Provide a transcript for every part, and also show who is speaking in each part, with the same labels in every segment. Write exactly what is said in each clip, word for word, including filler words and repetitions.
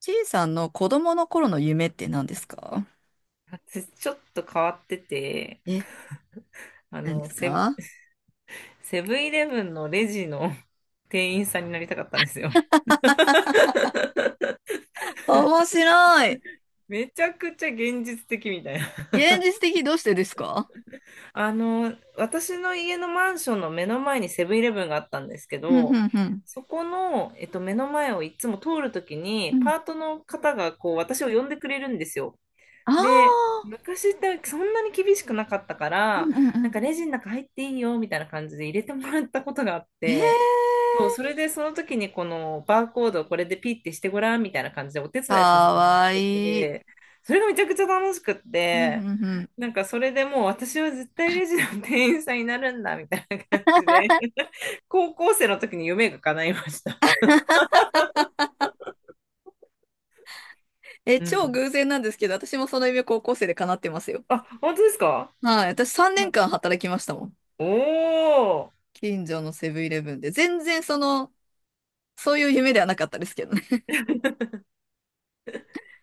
Speaker 1: ちいさんの子供の頃の夢って何ですか？
Speaker 2: ちょっと変わってて、
Speaker 1: え、
Speaker 2: あ
Speaker 1: 何で
Speaker 2: の、
Speaker 1: す
Speaker 2: セ、
Speaker 1: か？
Speaker 2: セブンイレブンのレジの 店員さんになりたかったんですよ。
Speaker 1: 面白い。
Speaker 2: めちゃくちゃ現実的みたいな。
Speaker 1: 現実的どうしてですか？
Speaker 2: あの、私の家のマンションの目の前にセブンイレブンがあったんですけ
Speaker 1: うん、う
Speaker 2: ど、
Speaker 1: ん、うん。
Speaker 2: そこの、えっと、目の前をいつも通るとき
Speaker 1: う
Speaker 2: に、
Speaker 1: ん、
Speaker 2: パートの方がこう私を呼んでくれるんですよ。
Speaker 1: あ
Speaker 2: で、
Speaker 1: あ
Speaker 2: 昔ってそんなに厳しくなかったか
Speaker 1: ーう
Speaker 2: ら、
Speaker 1: ん、うん、
Speaker 2: なん
Speaker 1: う
Speaker 2: かレジの中入っていいよみたいな感じで入れてもらったことがあっ
Speaker 1: ん。へえー、
Speaker 2: て、そう、それでその時にこのバーコードをこれでピッてしてごらんみたいな感じでお手伝いさせ
Speaker 1: か
Speaker 2: てもらっ
Speaker 1: わ
Speaker 2: て
Speaker 1: いい。
Speaker 2: て、それがめちゃくちゃ楽しくっ
Speaker 1: うん、うん、う
Speaker 2: て、
Speaker 1: ん。
Speaker 2: なんかそれでもう私は絶対レジの店員さんになるんだみたいな感じで、高校生の時に夢が叶いました。
Speaker 1: え、
Speaker 2: う
Speaker 1: 超
Speaker 2: ん。
Speaker 1: 偶然なんですけど、私もその夢高校生で叶ってますよ。
Speaker 2: あ、本当ですか？
Speaker 1: はい、私3
Speaker 2: は
Speaker 1: 年
Speaker 2: い。
Speaker 1: 間働きましたもん。
Speaker 2: おー。
Speaker 1: 近所のセブンイレブンで。全然その、そういう夢ではなかったですけどね。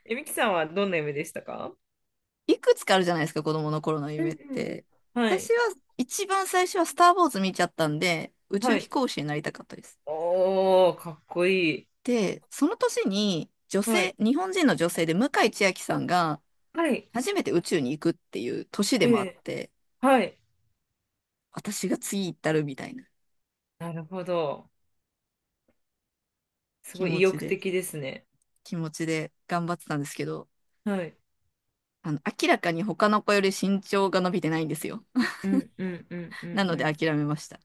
Speaker 2: えみきさんはどんな夢でしたか？
Speaker 1: いくつかあるじゃないですか、子供の頃の
Speaker 2: うん
Speaker 1: 夢っ
Speaker 2: うん。
Speaker 1: て。
Speaker 2: は
Speaker 1: 私
Speaker 2: い。
Speaker 1: は一番最初はスター・ウォーズ見ちゃったんで、宇宙
Speaker 2: は
Speaker 1: 飛
Speaker 2: い。
Speaker 1: 行士になりたかったです。
Speaker 2: おー、かっこいい。
Speaker 1: で、その年に女
Speaker 2: は
Speaker 1: 性、
Speaker 2: い。
Speaker 1: 日本人の女性で向井千秋さ
Speaker 2: あ、
Speaker 1: んが
Speaker 2: はい。
Speaker 1: 初めて宇宙に行くっていう年でもあ
Speaker 2: え
Speaker 1: っ
Speaker 2: え。
Speaker 1: て、
Speaker 2: はい。
Speaker 1: 私が次行ったるみたいな
Speaker 2: なるほど。す
Speaker 1: 気
Speaker 2: ごい
Speaker 1: 持
Speaker 2: 意
Speaker 1: ち
Speaker 2: 欲
Speaker 1: で、
Speaker 2: 的ですね。
Speaker 1: 気持ちで頑張ってたんですけど、
Speaker 2: はい。
Speaker 1: あの、明らかに他の子より身長が伸びてないんですよ。
Speaker 2: うんうんうんう
Speaker 1: な
Speaker 2: ん
Speaker 1: の
Speaker 2: う
Speaker 1: で
Speaker 2: ん。
Speaker 1: 諦めました。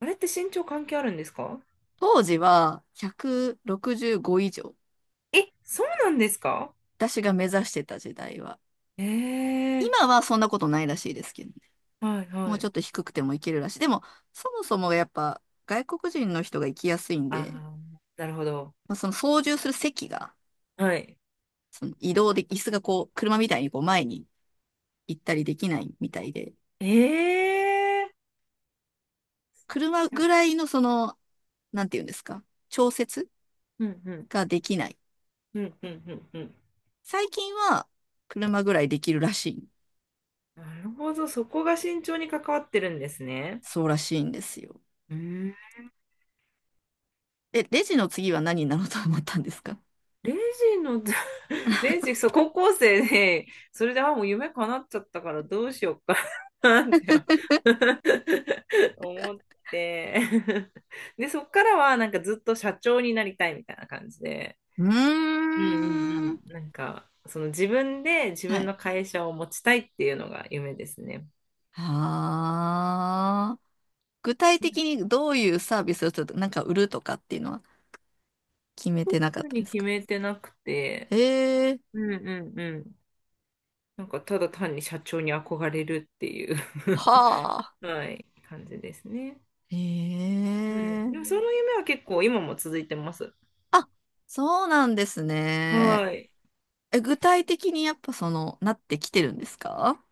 Speaker 2: あれって身長関係あるんですか？
Speaker 1: 当時はひゃくろくじゅうご以上。
Speaker 2: え、そうなんですか？
Speaker 1: 私が目指してた時代は。
Speaker 2: え
Speaker 1: 今
Speaker 2: え
Speaker 1: はそんなことないらしいですけどね。
Speaker 2: ー、はい
Speaker 1: も
Speaker 2: は
Speaker 1: うちょ
Speaker 2: い。
Speaker 1: っと低くてもいけるらしい。でも、そもそもやっぱ外国人の人が行きやすいん
Speaker 2: あ
Speaker 1: で、
Speaker 2: あ、なるほど。
Speaker 1: まあ、その操縦する席が、
Speaker 2: はい。
Speaker 1: その移動で、椅子がこう、車みたいにこう前に行ったりできないみたいで、
Speaker 2: ええ
Speaker 1: 車
Speaker 2: ー、
Speaker 1: ぐらいのその、なんていうんですか、調節
Speaker 2: うんうん
Speaker 1: ができない。
Speaker 2: うんうんうんうん。
Speaker 1: 最近は車ぐらいできるらしい。
Speaker 2: なるほど、そこが身長に関わってるんですね。
Speaker 1: そうらしいんですよ。
Speaker 2: うーん。
Speaker 1: え、レジの次は何になろうと思ったんですか？
Speaker 2: レジの、レジ、そう、高校生で、それで、あ、もう夢叶っちゃったからどうしようか なって 思って、で、そっからは、なんかずっと社長になりたいみたいな感じで、
Speaker 1: うー
Speaker 2: うんうん
Speaker 1: ん。
Speaker 2: うん。なんか、その自分で自
Speaker 1: は
Speaker 2: 分
Speaker 1: い。
Speaker 2: の会社を持ちたいっていうのが夢ですね。
Speaker 1: はあ。具体的にどういうサービスをちょっとなんか売るとかっていうのは決めてなかっ
Speaker 2: 特
Speaker 1: たん
Speaker 2: に
Speaker 1: です
Speaker 2: 決
Speaker 1: か？
Speaker 2: めてなくて、
Speaker 1: へえ、
Speaker 2: うんうんうん。なんか、ただ単に社長に憧れるっていう
Speaker 1: はあ。
Speaker 2: はい、感じですね。
Speaker 1: へ
Speaker 2: うん。
Speaker 1: え。
Speaker 2: でもその夢は結構今も続いてます。
Speaker 1: あ、そうなんですね。
Speaker 2: はい。
Speaker 1: え、具体的にやっぱその、なってきてるんですか？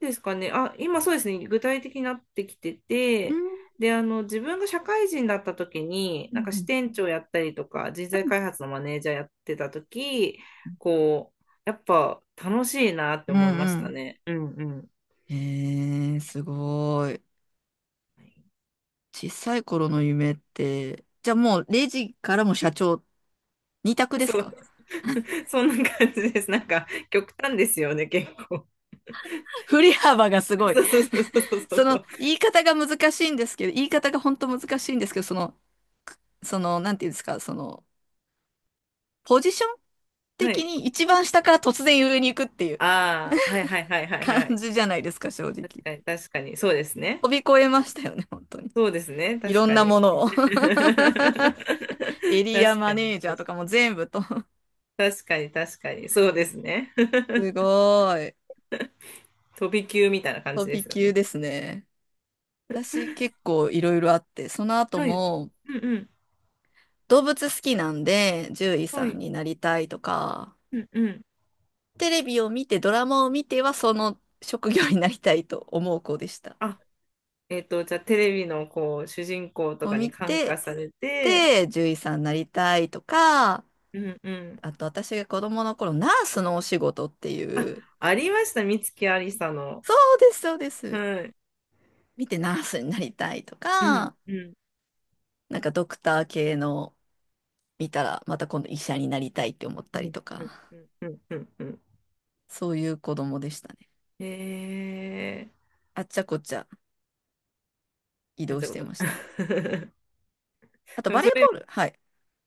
Speaker 2: ですかね。あ、今そうですね。具体的になってきて
Speaker 1: う
Speaker 2: て、
Speaker 1: ん
Speaker 2: で、あの、自分が社会人だった時に、
Speaker 1: う
Speaker 2: なん
Speaker 1: ん
Speaker 2: か
Speaker 1: う
Speaker 2: 支
Speaker 1: ん
Speaker 2: 店長やったりとか、人材開発のマネージャーやってた時、こう、やっぱ楽しいなって
Speaker 1: う
Speaker 2: 思いました
Speaker 1: ん
Speaker 2: ね。うんうん。
Speaker 1: うん。へえ、すごい。小さい頃の夢って、じゃあもうレジからも社長、二択です
Speaker 2: そう、
Speaker 1: か？
Speaker 2: そんな感じです。なんか、極端ですよね、結構。
Speaker 1: 振り幅がすご い。
Speaker 2: そうそうそうそうそ
Speaker 1: そ
Speaker 2: うそ
Speaker 1: の
Speaker 2: う。
Speaker 1: 言い方が難しいんですけど、言い方が本当難しいんですけど、その、その、なんていうんですか、その、ポジション
Speaker 2: は
Speaker 1: 的
Speaker 2: い。
Speaker 1: に一番下から突然上に行くっていう
Speaker 2: ああ、はいはいはいはい
Speaker 1: 感
Speaker 2: はい。
Speaker 1: じじゃないですか、正
Speaker 2: 確
Speaker 1: 直。
Speaker 2: かに、確かに、そうです
Speaker 1: 飛
Speaker 2: ね。
Speaker 1: び越えましたよね、本当に。
Speaker 2: そうですね。
Speaker 1: い
Speaker 2: 確
Speaker 1: ろん
Speaker 2: か
Speaker 1: なも
Speaker 2: に。
Speaker 1: のを。エリア
Speaker 2: 確
Speaker 1: マ
Speaker 2: か
Speaker 1: ネ
Speaker 2: に。
Speaker 1: ージャーとかも全部と。
Speaker 2: 確 かに、確かに。そうですね。
Speaker 1: すごい。
Speaker 2: 飛び級みたいな感
Speaker 1: 飛
Speaker 2: じで
Speaker 1: び
Speaker 2: すよ
Speaker 1: 級
Speaker 2: ね。
Speaker 1: ですね。私結構いろいろあって、その後
Speaker 2: はい。
Speaker 1: も
Speaker 2: うんうん。
Speaker 1: 動物好きなんで獣医
Speaker 2: は
Speaker 1: さん
Speaker 2: い。
Speaker 1: になりたいとか、
Speaker 2: うんうん。
Speaker 1: テレビを見て、ドラマを見ては、その職業になりたいと思う子でした。
Speaker 2: あ、えっと、じゃあテレビのこう、主人公と
Speaker 1: を
Speaker 2: か
Speaker 1: 見
Speaker 2: に感
Speaker 1: て、
Speaker 2: 化されて、
Speaker 1: で、獣医さんになりたいとか、
Speaker 2: うんうん。
Speaker 1: あと私が子供の頃、ナースのお仕事って
Speaker 2: あ、
Speaker 1: いう、
Speaker 2: ありました。美月ありさの。
Speaker 1: そうです、そうです。
Speaker 2: はい。
Speaker 1: 見てナースになりたいと
Speaker 2: うん
Speaker 1: か、
Speaker 2: うん
Speaker 1: なんかドクター系の見たら、また今度医者になりたいって思っ
Speaker 2: う
Speaker 1: たり
Speaker 2: ん
Speaker 1: と
Speaker 2: うん
Speaker 1: か、
Speaker 2: うんうんうんうん。
Speaker 1: そういう子供でしたね。
Speaker 2: え
Speaker 1: あっちゃこっちゃ移
Speaker 2: ー、
Speaker 1: 動
Speaker 2: あ、違
Speaker 1: し
Speaker 2: う
Speaker 1: て
Speaker 2: こ
Speaker 1: ま
Speaker 2: と。
Speaker 1: した。あと
Speaker 2: でも
Speaker 1: バレ
Speaker 2: そ
Speaker 1: ーボー
Speaker 2: れ、
Speaker 1: ル、はい。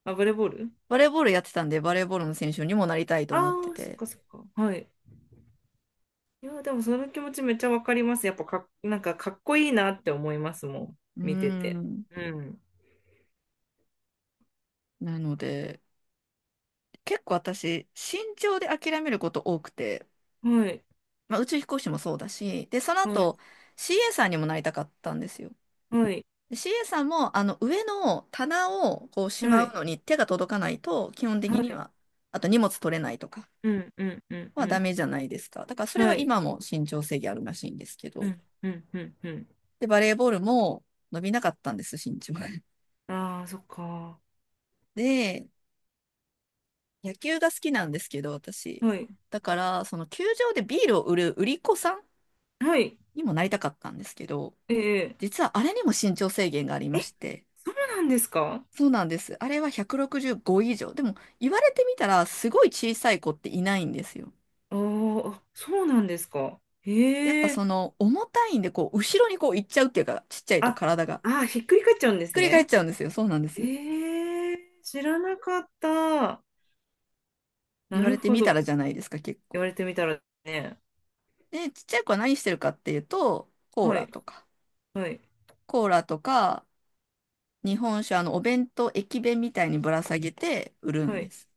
Speaker 2: あ、バレーボール。
Speaker 1: バレーボールやってたんで、バレーボールの選手にもなりたいと
Speaker 2: あ
Speaker 1: 思って
Speaker 2: あ、そっ
Speaker 1: て。
Speaker 2: かそっか。はい。いや、でもその気持ちめっちゃわかります。やっぱかなんかかっこいいなって思いますもん。
Speaker 1: うー
Speaker 2: 見てて。
Speaker 1: ん。
Speaker 2: うん。
Speaker 1: なので、結構私、慎重で諦めること多くて、
Speaker 2: はい。
Speaker 1: まあ、宇宙飛行士もそうだし、で、その
Speaker 2: はい。
Speaker 1: 後、シーエー さんにもなりたかったんですよ。
Speaker 2: はい。
Speaker 1: で シーエー さんも、あの、上の棚をこうし
Speaker 2: は
Speaker 1: まう
Speaker 2: い。
Speaker 1: のに手が届かないと、基本
Speaker 2: は
Speaker 1: 的に
Speaker 2: い。
Speaker 1: は、あと荷物取れないとか
Speaker 2: うん。うん。うん。う
Speaker 1: はダ
Speaker 2: ん。
Speaker 1: メじゃないですか。だからそれ
Speaker 2: は
Speaker 1: は
Speaker 2: い。
Speaker 1: 今も身長制限あるらしいんですけ
Speaker 2: う
Speaker 1: ど。
Speaker 2: ん。うん。うん。うん。
Speaker 1: で、バレーボールも伸びなかったんです、身長が。
Speaker 2: ああ、そっか。
Speaker 1: で、野球が好きなんですけど、私。
Speaker 2: はい。
Speaker 1: だから、その球場でビールを売る売り子さん
Speaker 2: はい。
Speaker 1: にもなりたかったんですけど、
Speaker 2: ええ。
Speaker 1: 実はあれにも身長制限があり
Speaker 2: え、
Speaker 1: まして、
Speaker 2: そうなんですか？
Speaker 1: そうなんです。あれはひゃくろくじゅうご以上。でも、言われてみたら、すごい小さい子っていないんですよ。
Speaker 2: ああ、そうなんですか。
Speaker 1: やっ
Speaker 2: へ
Speaker 1: ぱ
Speaker 2: え。
Speaker 1: その、重たいんで、こう、後ろにこう、行っちゃうっていうか、ちっちゃいと
Speaker 2: あ、
Speaker 1: 体が。ひっ
Speaker 2: あひっくり返っちゃうんです
Speaker 1: くり返っ
Speaker 2: ね。
Speaker 1: ちゃうんですよ。そうなんです。
Speaker 2: ええ、知らなかった。な
Speaker 1: 言われ
Speaker 2: る
Speaker 1: て
Speaker 2: ほ
Speaker 1: みた
Speaker 2: ど。
Speaker 1: らじゃないですか、結
Speaker 2: 言
Speaker 1: 構。
Speaker 2: われてみたらね、
Speaker 1: で、ちっちゃい子は何してるかっていうと、コー
Speaker 2: は
Speaker 1: ラ
Speaker 2: い、
Speaker 1: とか、
Speaker 2: はい、
Speaker 1: コーラとか、日本酒、あの、お弁当、駅弁みたいにぶら下げて売るん
Speaker 2: は
Speaker 1: で
Speaker 2: い。
Speaker 1: す。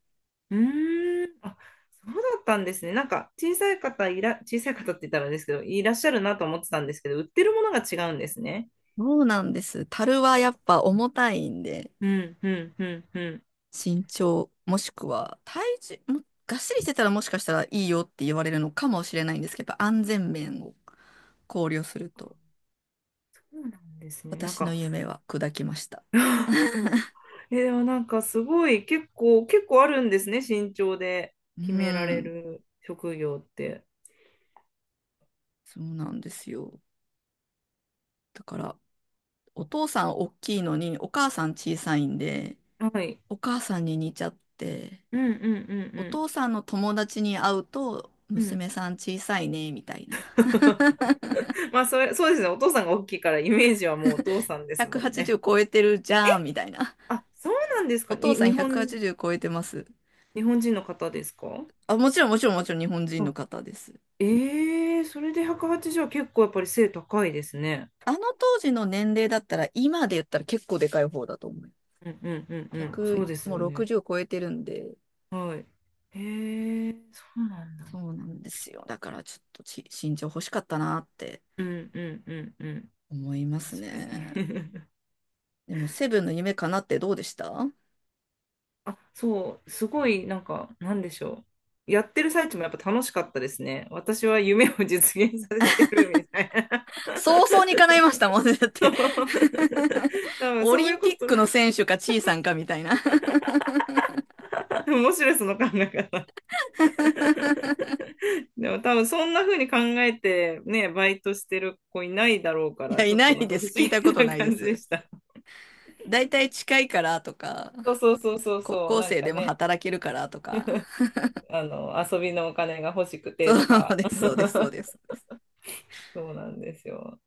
Speaker 2: うーん、あ、そうだったんですね。なんか、小さい方いら、小さい方って言ったらあれですけど、いらっしゃるなと思ってたんですけど、売ってるものが違うんですね。
Speaker 1: そうなんです。樽はやっぱ重たいんで、
Speaker 2: うん、うん、うん、うん。
Speaker 1: 身長、もしくは体重、もがっしりしてたらもしかしたらいいよって言われるのかもしれないんですけど、やっぱ安全面を考慮すると、
Speaker 2: そうなんですね。なん
Speaker 1: 私の
Speaker 2: か、
Speaker 1: 夢は砕きました。
Speaker 2: えー、でもなんかすごい、結構、結構あるんですね、身長で
Speaker 1: う
Speaker 2: 決められ
Speaker 1: ん、
Speaker 2: る職業って。
Speaker 1: そうなんですよ。だから、お父さん大きいのに、お母さん小さいんで、
Speaker 2: はい。
Speaker 1: お母さんに似ちゃって、
Speaker 2: うん、うん、う
Speaker 1: お
Speaker 2: ん、
Speaker 1: 父さんの友達に会うと、
Speaker 2: うん。うん。
Speaker 1: 娘さん小さいね、みたいな。
Speaker 2: まあそれ、そうですね。お父さんが大きいからイメージはもうお父さんですもんね。
Speaker 1: ひゃくはちじゅう超えてるじゃん、みたいな。
Speaker 2: あ、そうなんですか。
Speaker 1: お父
Speaker 2: に、
Speaker 1: さん
Speaker 2: 日本、
Speaker 1: ひゃくはちじゅう超えてます。
Speaker 2: 日本人の方ですか？
Speaker 1: あ、もちろんもちろんもちろん日本人
Speaker 2: あ、
Speaker 1: の方です。
Speaker 2: ええそれでひゃくはちじゅうはちじゅうは結構やっぱり背高いですね。
Speaker 1: あの当時の年齢だったら、今で言ったら結構でかい方だと思う。
Speaker 2: うんうんうんうん。そ
Speaker 1: ひゃく、
Speaker 2: うです
Speaker 1: も
Speaker 2: よ
Speaker 1: う
Speaker 2: ね。
Speaker 1: ろくじゅう超えてるんで、
Speaker 2: はい。ええそうなんだ。
Speaker 1: そうなんですよ。だからちょっとち身長欲しかったなって
Speaker 2: うんうんうんうん。
Speaker 1: 思います
Speaker 2: 確かに。
Speaker 1: ね。でも、セブンの夢かなってどうでした？
Speaker 2: あ、そう、すごい、なんか、なんでしょう。やってる最中もやっぱ楽しかったですね。私は夢を実現させてるみたいな。
Speaker 1: 早々に叶いましたもんね。だっ て
Speaker 2: 多 分
Speaker 1: オ
Speaker 2: そう
Speaker 1: リ
Speaker 2: いう
Speaker 1: ン
Speaker 2: こ
Speaker 1: ピッ
Speaker 2: と、
Speaker 1: クの選手か、チーさんかみたいな。
Speaker 2: 面白いその考え方。でも多分そんな風に考えてね、バイトしてる子いないだろうか
Speaker 1: い
Speaker 2: ら、
Speaker 1: や、
Speaker 2: ち
Speaker 1: い
Speaker 2: ょっ
Speaker 1: な
Speaker 2: と
Speaker 1: い
Speaker 2: なんか
Speaker 1: で
Speaker 2: 不思
Speaker 1: す。聞いたこ
Speaker 2: 議
Speaker 1: と
Speaker 2: な
Speaker 1: ないで
Speaker 2: 感じで
Speaker 1: す。
Speaker 2: した。
Speaker 1: だいたい近いからとか、
Speaker 2: そうそうそうそう
Speaker 1: 高
Speaker 2: そう、
Speaker 1: 校
Speaker 2: なん
Speaker 1: 生
Speaker 2: か
Speaker 1: でも
Speaker 2: ね、
Speaker 1: 働けるからとか。
Speaker 2: あの、遊びのお金が欲しく
Speaker 1: そ
Speaker 2: てと
Speaker 1: う
Speaker 2: か、
Speaker 1: です、そうです、そうで す。そうです
Speaker 2: そうなんですよ。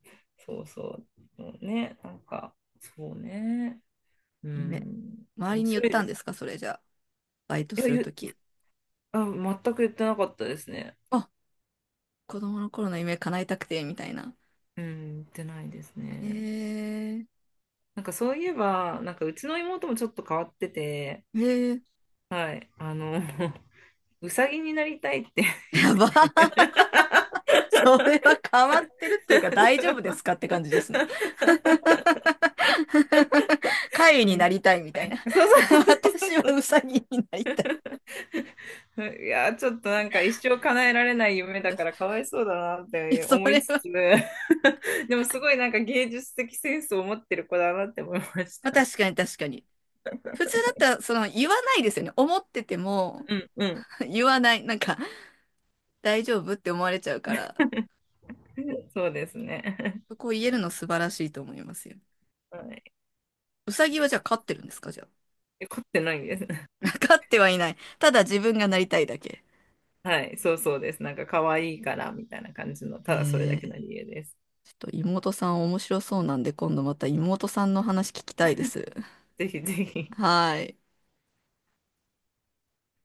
Speaker 2: そうそう。もうね、なんか、そうね。う
Speaker 1: 夢。
Speaker 2: ん、
Speaker 1: 周り
Speaker 2: 面
Speaker 1: に言
Speaker 2: 白
Speaker 1: っ
Speaker 2: い
Speaker 1: た
Speaker 2: で
Speaker 1: んで
Speaker 2: す。
Speaker 1: すか、それじゃあ。バイト
Speaker 2: いや、
Speaker 1: す
Speaker 2: い
Speaker 1: る
Speaker 2: や、い
Speaker 1: と
Speaker 2: や、
Speaker 1: き。
Speaker 2: あ、全く言ってなかったですね。
Speaker 1: あ、子供の頃の夢叶えたくて、みたいな。
Speaker 2: うん、言ってないです
Speaker 1: へ
Speaker 2: ね。
Speaker 1: え、
Speaker 2: なんかそういえば、なんかうちの妹もちょっと変わってて、
Speaker 1: へえ、
Speaker 2: はい。あの、うさぎになりたいって言
Speaker 1: や
Speaker 2: っ
Speaker 1: ば。
Speaker 2: てて。
Speaker 1: それは変わってるっていうか大丈夫ですかって感じですね。貝
Speaker 2: う
Speaker 1: にな
Speaker 2: ん
Speaker 1: りたいみたいな。
Speaker 2: そうそうそう
Speaker 1: 私は
Speaker 2: そう
Speaker 1: ウサギになりたい。
Speaker 2: そう。いやー、ちょっとなんか一生叶えられない夢だか
Speaker 1: 私、
Speaker 2: らかわいそうだなっ
Speaker 1: いや
Speaker 2: て
Speaker 1: そ
Speaker 2: 思い
Speaker 1: れ
Speaker 2: つ
Speaker 1: は、
Speaker 2: つ、でもすごいなんか芸術的センスを持ってる子だなって思いまし
Speaker 1: まあ、
Speaker 2: た。
Speaker 1: 確かに確かに。普通だったら、その、言わないですよね。思ってても、
Speaker 2: うんうん。
Speaker 1: 言わない。なんか、大丈夫って思われちゃうから、
Speaker 2: そうですね。
Speaker 1: そこを言えるの素晴らしいと思いますよ。
Speaker 2: はい。
Speaker 1: ウサギはじゃあ飼ってるんですかじゃ
Speaker 2: え凝ってないです。
Speaker 1: あ。飼ってはいない。ただ自分がなりたいだけ。
Speaker 2: はい。そうそうです。なんか可愛いからみたいな感じの、
Speaker 1: へ
Speaker 2: ただそれだけ
Speaker 1: え、
Speaker 2: の理由です。
Speaker 1: ちょっと妹さん面白そうなんで、今度また妹さんの話聞きたいです。
Speaker 2: ぜひぜひ。
Speaker 1: はい。